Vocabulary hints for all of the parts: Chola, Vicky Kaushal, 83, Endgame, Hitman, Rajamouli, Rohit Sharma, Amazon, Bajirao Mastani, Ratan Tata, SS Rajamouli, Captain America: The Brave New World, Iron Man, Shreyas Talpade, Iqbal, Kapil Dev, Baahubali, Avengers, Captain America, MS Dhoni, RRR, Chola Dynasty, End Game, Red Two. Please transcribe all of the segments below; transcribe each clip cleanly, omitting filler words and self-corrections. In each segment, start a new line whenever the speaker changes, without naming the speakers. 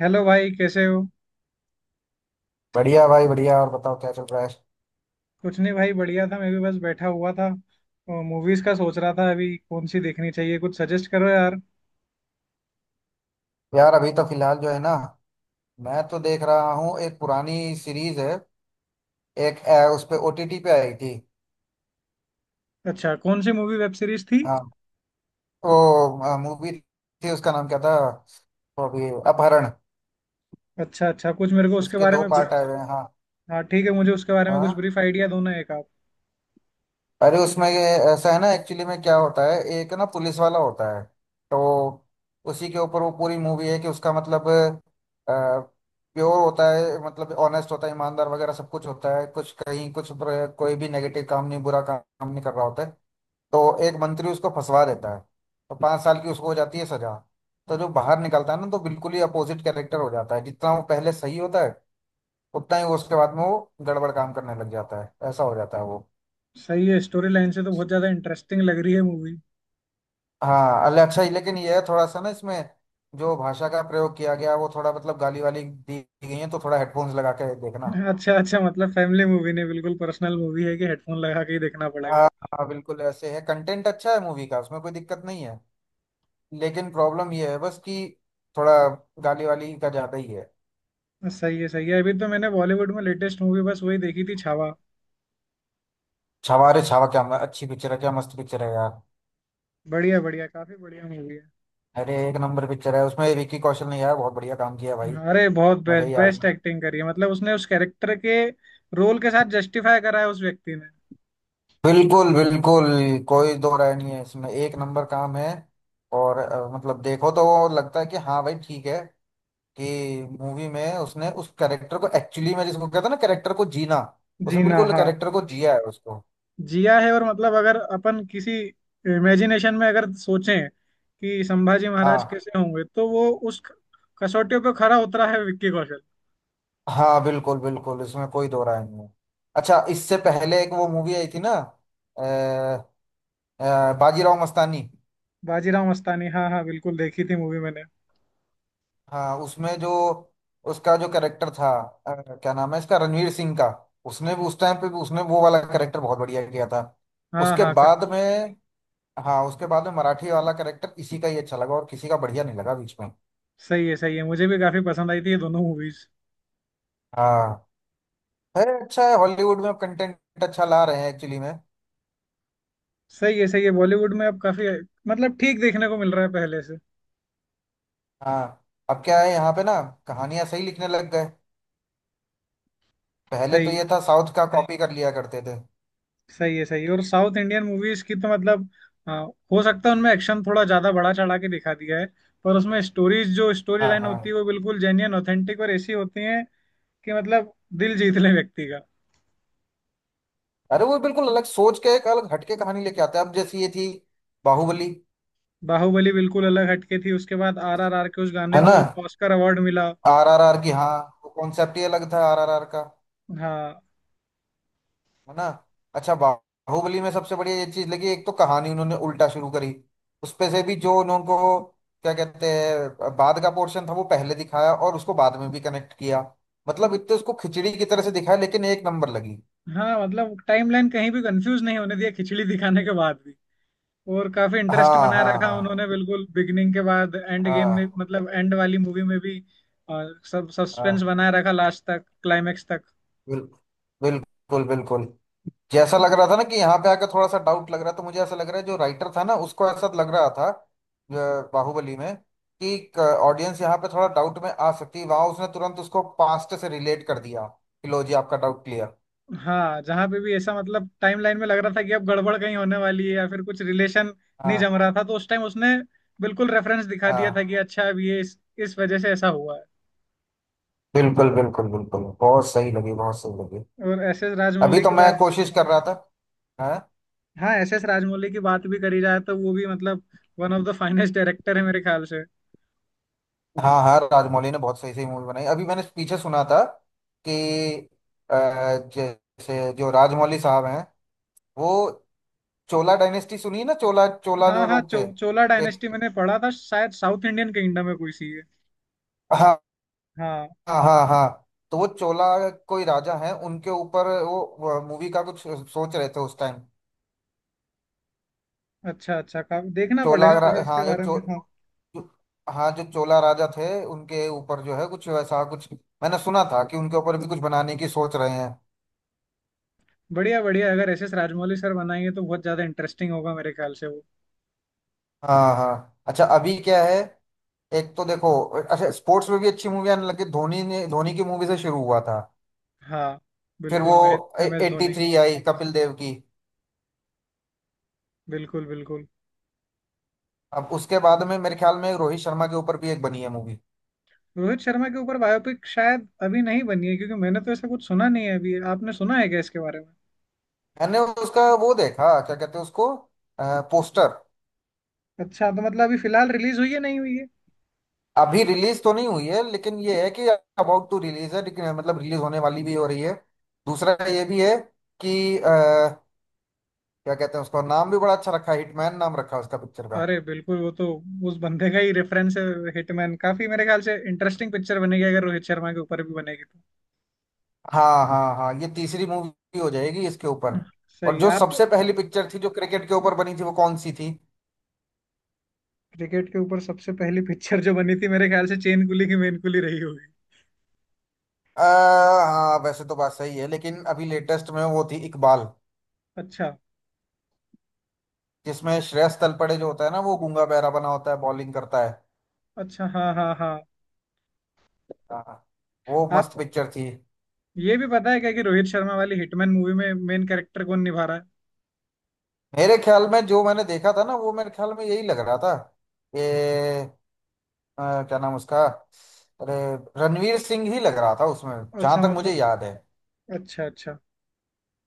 Hello भाई कैसे हो।
बढ़िया भाई बढ़िया। और बताओ क्या चल रहा है।
कुछ नहीं भाई बढ़िया था, मैं भी बस बैठा हुआ था। मूवीज का सोच रहा था, अभी कौन सी देखनी चाहिए, कुछ सजेस्ट करो यार।
यार अभी तो फिलहाल जो है ना, मैं तो देख रहा हूँ। एक पुरानी सीरीज है। उस पे ओटीटी पे आई थी।
अच्छा कौन सी मूवी वेब सीरीज थी?
हाँ, वो मूवी थी, उसका नाम क्या था, वो अभी अपहरण।
अच्छा अच्छा, कुछ मेरे को उसके
उसके
बारे
दो
में
पार्ट आए हुए हैं। हाँ
हाँ ठीक है, मुझे उसके बारे में कुछ
हाँ।
ब्रीफ आइडिया दो ना एक आप।
अरे उसमें ये ऐसा है ना, एक्चुअली में क्या होता है, एक ना पुलिस वाला होता है। तो उसी के ऊपर वो पूरी मूवी है कि उसका मतलब प्योर होता है, मतलब ऑनेस्ट होता है, ईमानदार वगैरह सब कुछ होता है। कुछ कहीं कुछ कोई भी नेगेटिव काम नहीं, बुरा काम काम नहीं कर रहा होता है। तो एक मंत्री उसको फंसवा देता है। तो 5 साल की उसको हो जाती है सजा। तो जो बाहर निकलता है ना, तो बिल्कुल ही अपोजिट कैरेक्टर हो जाता है। जितना वो पहले सही होता है, उतना ही वो उसके बाद में वो गड़बड़ काम करने लग जाता है। ऐसा हो जाता है वो।
सही है, स्टोरी लाइन से तो बहुत ज्यादा इंटरेस्टिंग लग रही है मूवी।
हाँ अल्ले अच्छा ही, लेकिन ये है थोड़ा सा ना, इसमें जो भाषा का प्रयोग किया गया वो थोड़ा मतलब गाली वाली दी गई है, तो थोड़ा हेडफोन्स लगा के देखना।
अच्छा अच्छा, मतलब फैमिली मूवी नहीं बिल्कुल, पर्सनल मूवी है कि हेडफोन लगा के ही देखना पड़ेगा।
हाँ हाँ, बिल्कुल ऐसे है। कंटेंट अच्छा है मूवी का, उसमें कोई दिक्कत नहीं है। लेकिन प्रॉब्लम ये है बस कि थोड़ा गाली वाली का ज्यादा ही है।
सही है सही है। अभी तो मैंने बॉलीवुड में लेटेस्ट मूवी बस वही देखी थी, छावा।
छावा? अरे छावा! क्या अच्छी पिक्चर है, क्या मस्त पिक्चर है यार।
बढ़िया बढ़िया, काफी बढ़िया मूवी है।
अरे एक नंबर पिक्चर है। उसमें विक्की कौशल ने यार बहुत बढ़िया काम किया भाई।
अरे बहुत
मजा
बेस्ट
ही आ
बेस्ट
गया।
एक्टिंग करी है, मतलब उसने उस कैरेक्टर के रोल के साथ जस्टिफाई करा है उस व्यक्ति ने।
बिल्कुल बिल्कुल, कोई दो राय नहीं है इसमें। एक
हाँ।
नंबर काम है। और मतलब देखो तो वो लगता है कि हाँ भाई ठीक है, कि मूवी में उसने उस कैरेक्टर को एक्चुअली में, जिसको कहता है ना कैरेक्टर को जीना, उसने
जीना
बिल्कुल
हाँ,
कैरेक्टर को जिया है उसको।
जिया है। और मतलब अगर अपन किसी इमेजिनेशन में अगर सोचें कि संभाजी महाराज
हाँ
कैसे होंगे, तो वो उस कसौटियों पे खरा उतरा है विक्की कौशल।
हाँ, बिल्कुल बिल्कुल, इसमें कोई दो राय नहीं है। अच्छा इससे पहले एक वो मूवी आई थी ना, बाजीराव मस्तानी।
बाजीराव मस्तानी, हाँ हाँ बिल्कुल देखी थी मूवी मैंने।
हाँ उसमें जो उसका जो कैरेक्टर था, अ, क्या नाम है इसका, रणवीर सिंह का। उसने भी उस टाइम पे भी उसने वो वाला कैरेक्टर बहुत बढ़िया किया था।
हाँ
उसके
हाँ क-
बाद में, हाँ उसके बाद में मराठी वाला कैरेक्टर इसी का ही अच्छा लगा, और किसी का बढ़िया नहीं लगा बीच में।
सही है सही है, मुझे भी काफी पसंद आई थी ये दोनों मूवीज।
हाँ, है अच्छा है। हॉलीवुड में कंटेंट अच्छा ला रहे हैं एक्चुअली में।
सही है सही है, बॉलीवुड में अब काफी मतलब ठीक देखने को मिल रहा है पहले से।
हाँ अब क्या है यहाँ पे ना, कहानियां सही लिखने लग गए। पहले तो
सही है।
ये था साउथ का कॉपी कर लिया करते थे।
सही है सही है, और साउथ इंडियन मूवीज की तो मतलब अ, हो सकता है उनमें एक्शन थोड़ा ज्यादा बढ़ा चढ़ा के दिखा दिया है, पर उसमें स्टोरीज, जो स्टोरी
हाँ
लाइन होती है
हाँ।
वो बिल्कुल जेन्युइन ऑथेंटिक और ऐसी होती है कि मतलब दिल जीत ले व्यक्ति का।
अरे वो बिल्कुल अलग सोच के, एक अलग हटके कहानी लेके आते हैं। अब जैसी ये थी बाहुबली।
बाहुबली बिल्कुल अलग हटके थी, उसके बाद आर आर आर के उस गाने
है ना।
को ऑस्कर अवार्ड मिला।
आरआरआर की हाँ। वो कॉन्सेप्ट ही अलग था आरआरआर का।
हाँ।
है ना। अच्छा बाहुबली में सबसे बढ़िया ये चीज लगी, एक तो कहानी उन्होंने उल्टा शुरू करी। उसपे से भी जो उनको क्या कहते हैं, बाद का पोर्शन था वो पहले दिखाया, और उसको बाद में भी कनेक्ट किया। मतलब इतने उसको खिचड़ी की तरह से दिखाया लेकिन एक नंबर लगी।
हाँ मतलब टाइमलाइन कहीं भी कंफ्यूज नहीं होने दिया खिचड़ी दिखाने के बाद भी, और काफी इंटरेस्ट
हाँ
बना
हाँ
रखा उन्होंने
हाँ
बिल्कुल बिगिनिंग के बाद एंड गेम में,
हाँ
मतलब एंड वाली मूवी में भी अ, सब सस्पेंस
हाँ।
बनाए रखा लास्ट तक, क्लाइमेक्स तक।
बिल्कुल बिल्कुल बिल्कुल, जैसा लग रहा था ना कि यहाँ पे आकर थोड़ा सा डाउट लग रहा था। मुझे ऐसा लग रहा है जो राइटर था ना उसको ऐसा लग रहा था बाहुबली में, कि ऑडियंस यहाँ पे थोड़ा डाउट में आ सकती है, वहां उसने तुरंत उसको पास्ट से रिलेट कर दिया कि लो जी आपका डाउट क्लियर।
हाँ जहाँ पे भी ऐसा मतलब टाइम लाइन में लग रहा था कि अब गड़बड़ कहीं होने वाली है या फिर कुछ रिलेशन नहीं जम
हाँ
रहा था, तो उस टाइम उसने बिल्कुल रेफरेंस दिखा दिया था
हाँ,
कि अच्छा अब ये इस वजह से ऐसा हुआ है।
बिल्कुल बिल्कुल बिल्कुल, बहुत सही लगी बहुत सही लगी।
और एस एस
अभी
राजमौली
तो
की
मैं
बात,
कोशिश कर रहा था। हाँ
हाँ एस एस राजमौली की बात भी करी जाए तो वो भी मतलब one of the finest director है मेरे ख्याल से।
हाँ हाँ, राजमौली ने बहुत सही सही मूवी बनाई। अभी मैंने पीछे सुना था कि अ, जैसे जो राजमौली साहब हैं, वो चोला डायनेस्टी, सुनी है ना, चोला चोला
हाँ
जो
हाँ
लोग थे
चोला
एक।
डायनेस्टी मैंने पढ़ा था शायद, साउथ इंडियन किंगडम है कोई सी है।
हाँ
हाँ।
हाँ हाँ हाँ। तो वो चोला कोई राजा है उनके ऊपर वो मूवी का कुछ सोच रहे थे उस टाइम।
अच्छा अच्छा, का देखना पड़ेगा मुझे इसके
हाँ
बारे में, हाँ।
जो- हाँ जो चोला राजा थे उनके ऊपर जो है कुछ वैसा कुछ। मैंने सुना था कि उनके ऊपर भी कुछ बनाने की सोच रहे हैं।
बढ़िया बढ़िया, अगर एस एस राजमौली सर बनाएंगे तो बहुत ज्यादा इंटरेस्टिंग होगा मेरे ख्याल से वो।
हाँ हाँ अच्छा, अभी क्या है, एक तो देखो अच्छा, स्पोर्ट्स में भी अच्छी मूवी आने लगी। धोनी ने, धोनी की मूवी से शुरू हुआ था।
हाँ
फिर
बिल्कुल
वो
मैं। M S
eighty
Dhoni.
Three आई कपिल देव की।
बिल्कुल बिल्कुल।
अब उसके बाद में मेरे ख्याल में रोहित शर्मा के ऊपर भी एक बनी है मूवी।
रोहित शर्मा के ऊपर बायोपिक शायद अभी नहीं बनी है, क्योंकि मैंने तो ऐसा कुछ सुना नहीं है, अभी आपने सुना है क्या इसके बारे में?
मैंने उसका वो देखा, क्या कहते हैं उसको, पोस्टर।
अच्छा तो मतलब अभी फिलहाल रिलीज हुई है नहीं हुई है?
अभी रिलीज तो नहीं हुई है, लेकिन ये है कि अबाउट टू रिलीज है, लेकिन मतलब रिलीज होने वाली भी हो रही है। दूसरा ये भी है कि क्या कहते हैं, उसका नाम भी बड़ा अच्छा रखा है, हिटमैन नाम रखा है उसका पिक्चर का।
अरे बिल्कुल वो तो उस बंदे का ही रेफरेंस है। हिटमैन काफी मेरे ख्याल से इंटरेस्टिंग पिक्चर बनेगी अगर रोहित शर्मा के ऊपर भी बनेगी तो।
हाँ हाँ हाँ, ये तीसरी मूवी हो जाएगी इसके ऊपर। और
सही
जो
आपको।
सबसे पहली पिक्चर थी जो क्रिकेट के ऊपर बनी थी वो कौन सी थी?
क्रिकेट के ऊपर सबसे पहली पिक्चर जो बनी थी मेरे ख्याल से चेन कुली की मेन कुली रही होगी।
आ, हाँ वैसे तो बात सही है, लेकिन अभी लेटेस्ट में वो थी इकबाल,
अच्छा।
जिसमें श्रेयस तलपड़े जो होता है ना वो गूंगा बहरा बना होता है, बॉलिंग करता है।
अच्छा हाँ हाँ हाँ।
हाँ, वो मस्त
आपको
पिक्चर थी।
ये भी पता है क्या कि रोहित शर्मा वाली हिटमैन मूवी में मेन कैरेक्टर कौन निभा रहा
मेरे ख्याल में जो मैंने देखा था ना, वो मेरे ख्याल में यही लग रहा था कि क्या नाम उसका, अरे रणवीर सिंह ही लग रहा था उसमें,
है?
जहां
अच्छा
तक
मतलब।
मुझे याद है।
अच्छा अच्छा।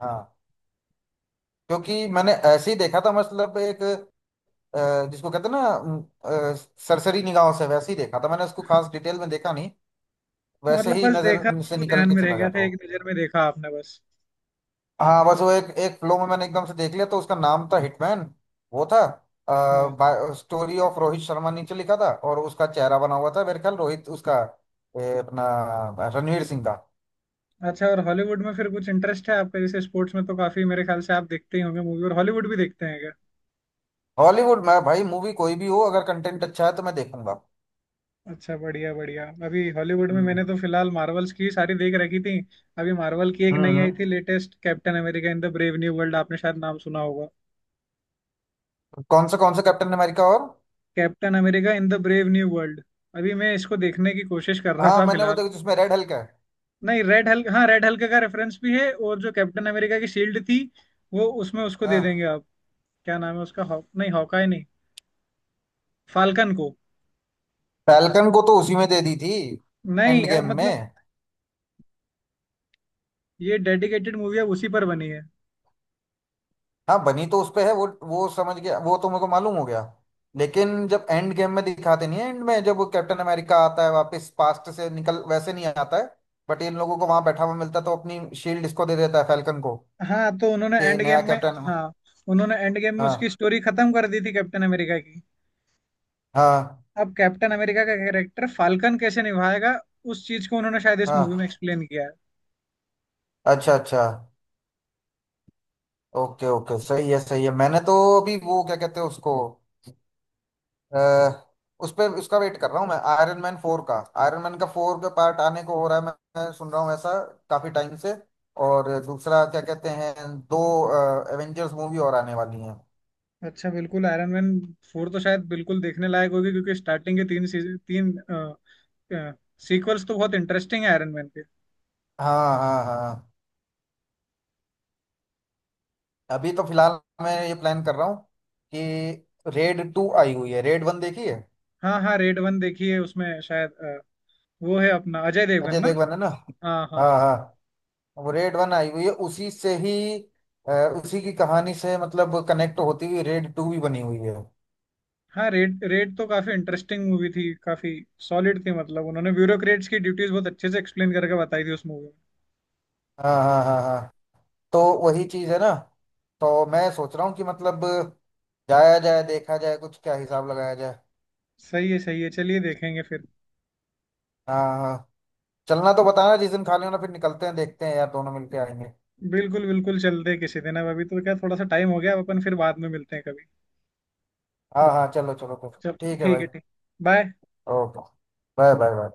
हाँ क्योंकि मैंने ऐसे ही देखा था मतलब एक, जिसको कहते हैं ना, अ, सरसरी निगाहों से वैसे ही देखा था मैंने उसको, खास डिटेल में देखा नहीं। वैसे
मतलब
ही
बस देखा
नजर
और
से
वो
निकल
ध्यान
के
में रह
चला
गया
गया था
था एक
वो।
नजर में देखा आपने बस।
हाँ बस वो एक, फ्लो में मैंने एकदम से देख लिया। तो उसका नाम था हिटमैन, वो था,
हाँ।
स्टोरी ऑफ रोहित शर्मा नीचे लिखा था और उसका चेहरा बना हुआ था मेरे ख्याल रोहित उसका अपना रणवीर सिंह का।
अच्छा और हॉलीवुड में फिर कुछ इंटरेस्ट है आपका? जैसे स्पोर्ट्स में तो काफी मेरे ख्याल से आप देखते ही होंगे मूवी, और हॉलीवुड भी देखते हैं क्या?
हॉलीवुड में भाई मूवी कोई भी हो, अगर कंटेंट अच्छा है तो मैं देखूंगा।
अच्छा बढ़िया बढ़िया, अभी हॉलीवुड में
हम्म,
मैंने तो फिलहाल मार्वल्स की सारी देख रखी थी। अभी मार्वल की एक
हम्म,
नई आई थी latest, Captain America in the brave new world, आपने शायद नाम सुना होगा।
कौन सा कैप्टन अमेरिका और?
Captain America in the brave new world. अभी मैं इसको देखने की कोशिश कर रहा
हाँ
था
मैंने वो
फिलहाल।
देखा जिसमें रेड हल्क है।
नहीं रेड हल्क, हाँ रेड हल्क का रेफरेंस भी है, और जो कैप्टन अमेरिका की शील्ड थी वो उसमें उसको दे देंगे
हाँ,
आप। क्या नाम है उसका, हॉक नहीं, हॉकाई नहीं, फाल्कन को।
फैल्कन को तो उसी में दे दी थी,
नहीं
एंड
अब
गेम
मतलब
में।
ये डेडिकेटेड मूवी है उसी पर बनी है।
हाँ, बनी तो उस पे है, वो समझ गया, वो तो मेरे को मालूम हो गया। लेकिन जब एंड गेम में दिखाते नहीं है, एंड में जब वो कैप्टन अमेरिका आता है वापस पास्ट से निकल वैसे नहीं आता है, बट इन लोगों को वहां बैठा हुआ मिलता है तो अपनी शील्ड इसको दे देता है फैल्कन को,
हाँ तो उन्होंने
कि
एंड
नया
गेम में,
कैप्टन।
हाँ उन्होंने एंड गेम में उसकी
हाँ
स्टोरी खत्म कर दी थी कैप्टन अमेरिका की।
हाँ
अब कैप्टन अमेरिका का कैरेक्टर फाल्कन कैसे निभाएगा उस चीज को उन्होंने शायद इस मूवी में
हाँ,
एक्सप्लेन किया है।
अच्छा अच्छा, ओके ओके, सही है सही है। मैंने तो अभी वो क्या कहते हैं उसको, अ, उस पे उसका वेट कर रहा हूँ मैं, आयरन मैन 4 का। आयरन मैन का फोर का पार्ट आने को हो रहा है, मैं सुन रहा हूँ ऐसा काफी टाइम से। और दूसरा क्या कहते हैं, दो एवेंजर्स मूवी और आने वाली हैं।
अच्छा बिल्कुल, आयरन मैन फोर तो शायद बिल्कुल देखने लायक होगी क्योंकि स्टार्टिंग के तीन सीजन, तीन सीक्वल्स तो बहुत इंटरेस्टिंग है आयरन मैन के।
हाँ हाँ हाँ, अभी तो फिलहाल मैं ये प्लान कर रहा हूँ कि रेड टू आई हुई है, रेड वन देखी है।
हाँ हाँ रेड वन देखी है, उसमें शायद वो है अपना अजय देवगन
अजय
ना।
देवगन है ना।
हाँ हाँ
हाँ हाँ। वो रेड वन आई हुई है, उसी से ही, अ, उसी की कहानी से मतलब कनेक्ट होती हुई रेड टू भी बनी हुई है।
हाँ। रेड, रेड तो काफी इंटरेस्टिंग मूवी थी, काफी सॉलिड थी, मतलब उन्होंने ब्यूरोक्रेट्स की ड्यूटीज बहुत अच्छे से एक्सप्लेन करके बताई थी उस मूवी में।
हाँ हाँ हाँ हाँ। तो वही चीज है ना, तो मैं सोच रहा हूँ कि मतलब जाया जाए देखा जाए, कुछ क्या हिसाब लगाया जाए।
सही है सही है, चलिए देखेंगे फिर।
हाँ हाँ, चलना तो बताना, जिस दिन खाली होना फिर निकलते हैं देखते हैं यार, दोनों मिलके आएंगे।
बिल्कुल बिल्कुल, चलते हैं किसी दिन, अब अभी तो क्या थोड़ा सा टाइम हो गया, अब अपन फिर बाद में मिलते हैं कभी।
हाँ हाँ, चलो चलो फिर।
चल
ठीक है
ठीक
भाई।
है, ठीक। Bye.
Okay. Bye bye bye.